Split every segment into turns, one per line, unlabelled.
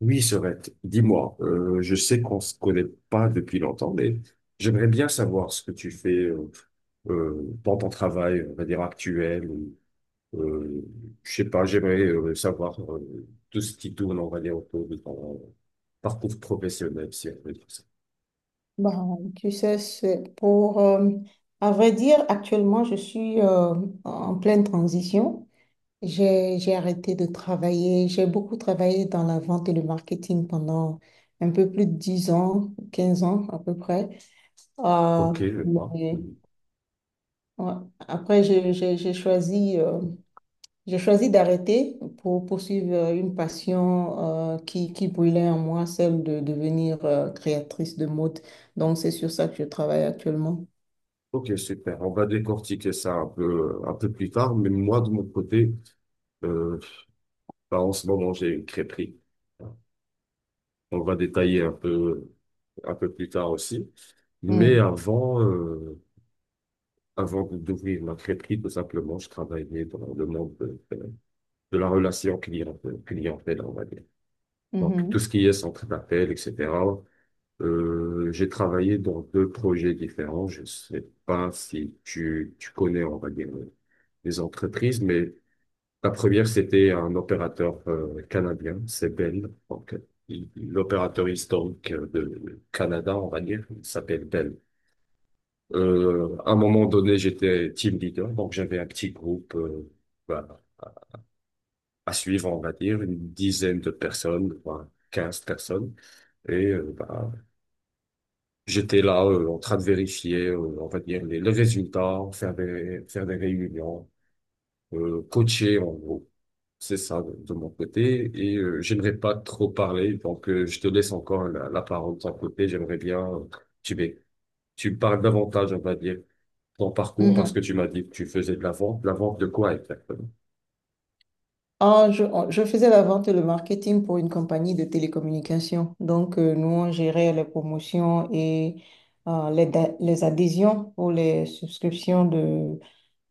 Oui, Sorette, dis-moi, je sais qu'on se connaît pas depuis longtemps, mais j'aimerais bien savoir ce que tu fais dans ton travail, on va dire actuel, ou euh, je sais pas, j'aimerais savoir tout ce qui tourne, on va dire, autour de ton parcours professionnel, si on peut dire ça.
Bah, Tu sais, c'est pour, à vrai dire, actuellement, je suis en pleine transition. J'ai arrêté de travailler. J'ai beaucoup travaillé dans la vente et le marketing pendant un peu plus de 10 ans, 15 ans à peu près. Euh,
Ok, je vois.
mais
Mhm.
ouais. Après, j'ai choisi d'arrêter pour poursuivre une passion qui brûlait en moi, celle de devenir créatrice de mode. Donc, c'est sur ça que je travaille actuellement.
Ok, super. On va décortiquer ça un peu plus tard, mais moi, de mon côté, euh, bah, en ce moment, j'ai une crêperie. On va détailler un peu. Un peu plus tard aussi. Mais
Hmm,
avant, avant d'ouvrir ma crêperie, tout simplement, je travaillais dans le monde de la relation client, clientèle, on va dire. Donc,
mhm,
tout ce qui est centre d'appel, etc. J'ai travaillé dans deux projets différents. Je sais pas si tu connais, on va dire, les entreprises, mais la première, c'était un opérateur canadien, c'est Bell. Donc, l'opérateur historique de Canada, on va dire, il s'appelle Bell. À un moment donné, j'étais team leader, donc j'avais un petit groupe bah, à suivre, on va dire, une dizaine de personnes, enfin, 15 personnes. Et euh, bah, J'étais là en train de vérifier, on va dire, les résultats, faire des réunions, coacher en gros. C'est ça de mon côté. Et j'aimerais pas trop parler, donc je te laisse encore la parole de ton côté. J'aimerais bien, tu, m'é- tu me parles davantage, on va dire. Ton parcours parce que
mhm.
tu m'as dit que tu faisais de la vente. La vente de quoi exactement?
Je faisais la vente et le marketing pour une compagnie de télécommunications. Donc, nous, on gérait les promotions et les, les adhésions pour les subscriptions de,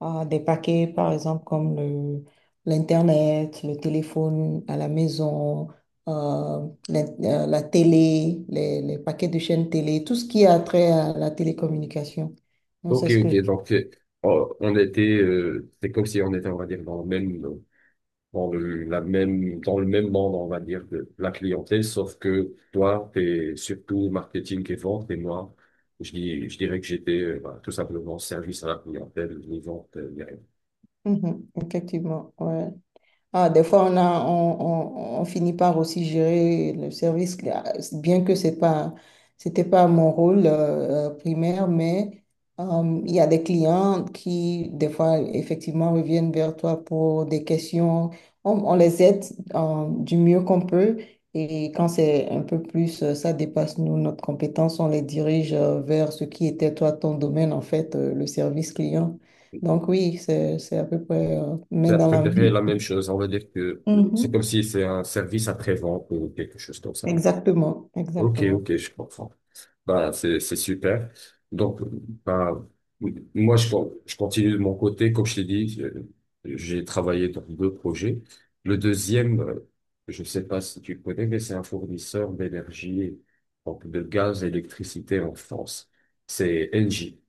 Des paquets, par exemple, comme l'Internet, le téléphone à la maison, la télé, les paquets de chaînes télé, tout ce qui a trait à la télécommunication. Non, c'est
Ok,
ce que je...
ok. Donc, oh, on était, c'est comme si on était, on va dire, dans le même, dans le même monde, on va dire, de la clientèle, sauf que toi, t'es surtout marketing et vente, et moi, je dirais que j'étais, bah, tout simplement service à la clientèle, ni vente, ni rien.
Mhm, effectivement, ouais. Ah, des fois, on a, on, on finit par aussi gérer le service. Ah, bien que c'était pas mon rôle primaire, mais il y a des clients qui, des fois, effectivement, reviennent vers toi pour des questions. On les aide du mieux qu'on peut. Et quand c'est un peu plus, ça dépasse nous, notre compétence, on les dirige vers ce qui était toi, ton domaine, en fait, le service client. Donc oui, c'est à peu près main
J'ai
dans la main.
préféré la même chose. On va dire que c'est comme
Mhm.
si c'est un service après-vente ou quelque chose comme ça.
Exactement,
Ok,
exactement.
ok, je comprends. Bah, c'est super. Donc, bah, moi, je continue de mon côté. Comme je t'ai dit, j'ai travaillé dans deux projets. Le deuxième, je sais pas si tu connais, mais c'est un fournisseur d'énergie, donc de gaz et d'électricité en France. C'est Engie.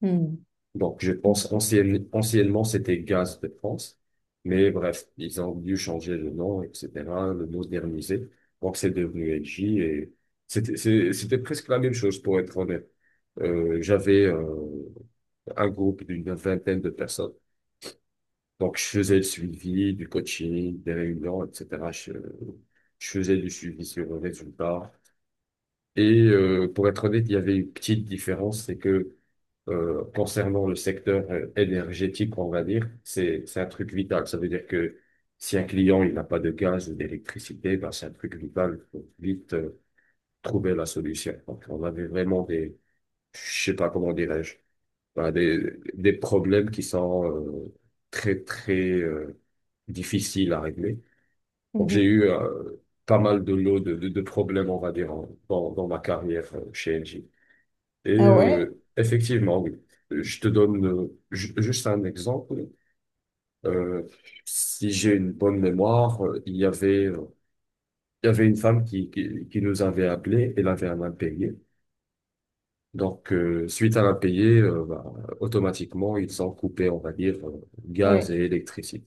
Hmm,
Donc, je pense anciennement, c'était Gaz de France. Mais bref, ils ont dû changer le nom, etc., le moderniser. Donc, c'est devenu LG et c'était, c'était presque la même chose, pour être honnête. J'avais un groupe d'une vingtaine de personnes. Donc, je faisais le suivi, du coaching, des réunions, etc. Je faisais du suivi sur le résultat. Et pour être honnête, il y avait une petite différence, c'est que concernant le secteur énergétique, on va dire, c'est un truc vital. Ça veut dire que si un client il n'a pas de gaz ou d'électricité, ben, c'est un truc vital. Il faut vite trouver la solution. Donc, on avait vraiment des, je sais pas comment dirais-je, ben, des problèmes qui sont très, très difficiles à régler. Donc, j'ai
mhm.
eu pas mal de lots de problèmes, on va dire, dans ma carrière chez Engie. Et
Ah ouais,
effectivement, oui. Je te donne juste un exemple. Euh, Si j'ai une bonne mémoire, il y avait une femme qui nous avait appelé, elle avait un impayé. Donc, suite à l'impayé, bah, automatiquement, ils ont coupé, on va dire, gaz
oui.
et électricité.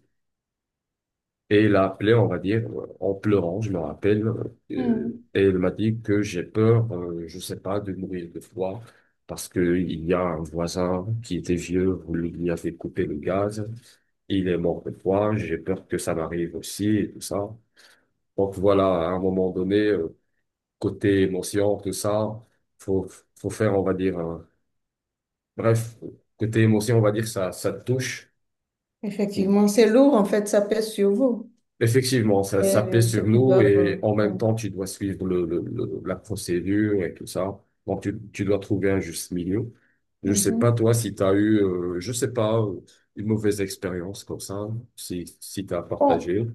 Et il a appelé, on va dire, en pleurant, je me rappelle,
Hmm.
et il m'a dit que j'ai peur, je sais pas, de mourir de froid, parce que il y a un voisin qui était vieux, vous lui avez coupé le gaz, il est mort de froid, j'ai peur que ça m'arrive aussi, et tout ça. Donc voilà, à un moment donné, côté émotion, tout ça, faut, faut faire, on va dire, bref, côté émotion, on va dire, ça te touche.
Effectivement, c'est lourd en fait, ça pèse sur vous.
Effectivement,
Et,
ça pèse
ceux
sur
qui
nous
doivent.
et en même
Ouais.
temps, tu dois suivre la procédure et tout ça. Donc, tu dois trouver un juste milieu. Je sais pas,
Mhm.
toi, si tu as eu, je sais pas, une mauvaise expérience comme ça, si tu as
Bon,
partagé.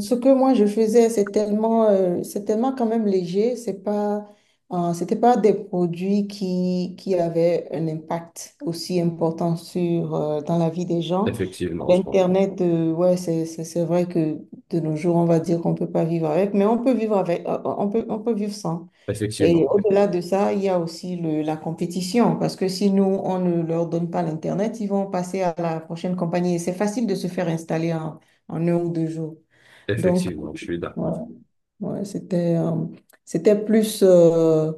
ce que moi je faisais, c'est tellement quand même léger. C'était pas des produits qui avaient un impact aussi important sur dans la vie des gens.
Effectivement, je comprends.
L'Internet, ouais, c'est vrai que de nos jours, on va dire qu'on peut pas vivre avec, mais on peut vivre avec, on peut vivre sans. Et
Effectivement, oui.
au-delà de ça, il y a aussi la compétition, parce que si nous, on ne leur donne pas l'Internet, ils vont passer à la prochaine compagnie. Et c'est facile de se faire installer en 1 ou 2 jours. Donc,
Effectivement, je suis
ouais,
d'accord.
ouais, c'était plus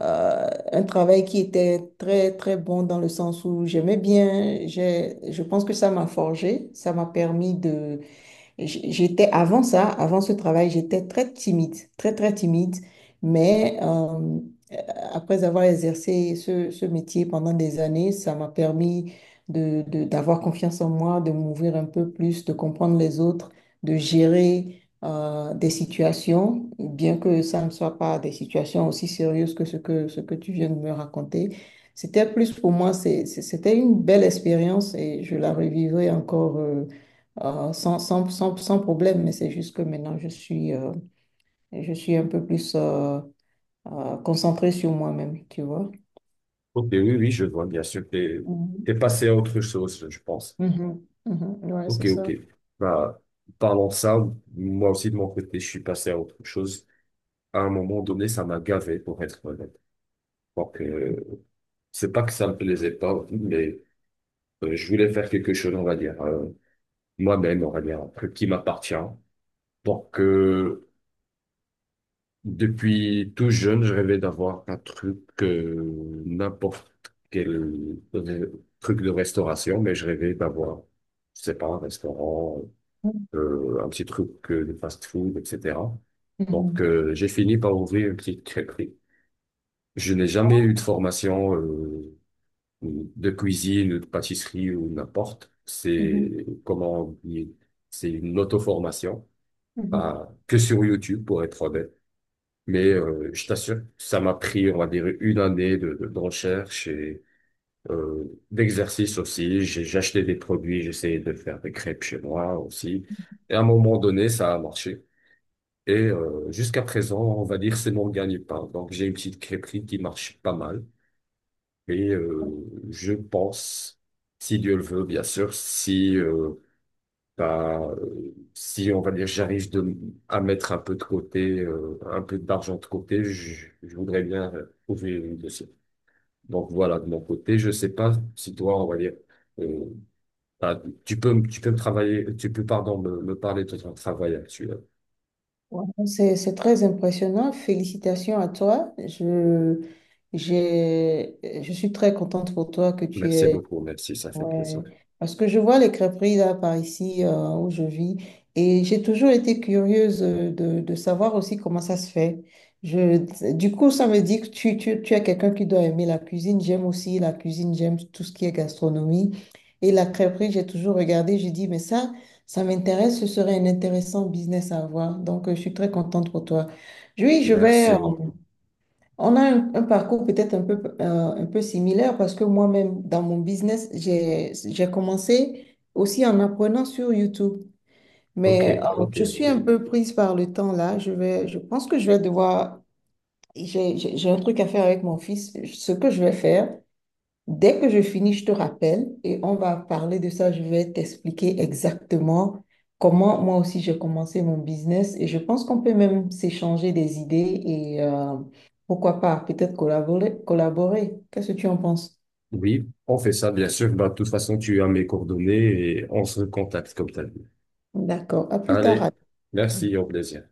euh, un travail qui était très, très bon dans le sens où j'aimais bien. Je pense que ça m'a forgé, ça m'a permis. J'étais avant ça, avant ce travail, j'étais très timide, très très timide, mais après avoir exercé ce, ce métier pendant des années, ça m'a permis d'avoir confiance en moi, de m'ouvrir un peu plus, de comprendre les autres, de gérer des situations, bien que ça ne soit pas des situations aussi sérieuses que ce que tu viens de me raconter. C'était plus pour moi, c'était une belle expérience et je la revivrai encore. Sans, sans, sans, sans problème, mais c'est juste que maintenant, je suis un peu plus concentrée sur moi-même, tu vois.
Ok, oui, oui, je vois, bien sûr. T'es
Mhm.
passé à autre chose, je pense.
Mhm. Mhm. Ouais,
Ok,
c'est
ok.
ça.
Bah, parlons de ça. Moi aussi, de mon côté, je suis passé à autre chose. À un moment donné, ça m'a gavé, pour être honnête. Donc, c'est pas que ça me plaisait pas, mais je voulais faire quelque chose, on va dire, moi-même, on va dire, un truc qui m'appartient. Donc, depuis tout jeune, je rêvais d'avoir un truc, n'importe quel re- truc de restauration, mais je rêvais d'avoir, je sais pas, un restaurant, un petit truc de fast-food, etc. Donc,
Mhm.
j'ai fini par ouvrir une petite crêperie. Je n'ai jamais eu de formation. Ou de cuisine ou de pâtisserie ou n'importe.
Mhm.
C'est comment oublier. C'est une auto-formation,
Mhm.
pas que sur YouTube pour être honnête. Mais je t'assure, ça m'a pris, on va dire, une année de recherche et euh, d'exercice aussi. J'ai acheté des produits, j'essayais de faire des crêpes chez moi aussi. Et à un moment donné, ça a marché. Et jusqu'à présent, on va dire, c'est mon gagne-pain. Donc j'ai une petite crêperie qui marche pas mal. Et je pense, si Dieu le veut, bien sûr, si on va dire à mettre un peu de côté, un peu d'argent de côté, je voudrais bien ouvrir une dossier. Donc voilà, de mon côté, je sais pas si toi, on va dire, euh, bah, tu peux me travailler, tu peux, pardon, me parler de ton travail actuel.
Ouais. C'est très impressionnant. Félicitations à toi. Je suis très contente pour toi que tu
Merci
aies...
beaucoup, merci, ça fait plaisir.
Ouais, parce que je vois les crêperies là par ici où je vis et j'ai toujours été curieuse de savoir aussi comment ça se fait. Je, du coup, ça me dit que tu es quelqu'un qui doit aimer la cuisine. J'aime aussi la cuisine, j'aime tout ce qui est gastronomie. Et la crêperie, j'ai toujours regardé, j'ai dit, mais ça m'intéresse, ce serait un intéressant business à avoir. Donc, je suis très contente pour toi. Oui, je vais, euh,
Merci beaucoup.
on a un parcours peut-être un peu similaire parce que moi-même, dans mon business, j'ai commencé aussi en apprenant sur YouTube.
Ok,
Mais
ok,
je suis un
ok.
peu prise par le temps là. Je pense que je vais devoir, j'ai un truc à faire avec mon fils. Ce que je vais faire, dès que je finis, je te rappelle et on va parler de ça. Je vais t'expliquer exactement comment moi aussi j'ai commencé mon business et je pense qu'on peut même s'échanger des idées et pourquoi pas peut-être collaborer, collaborer. Qu'est-ce que tu en penses?
Oui, on fait ça, bien sûr. Bah, de toute façon, tu as mes coordonnées et on se contacte comme t'as dit.
D'accord, à plus tard.
Allez, merci, au plaisir.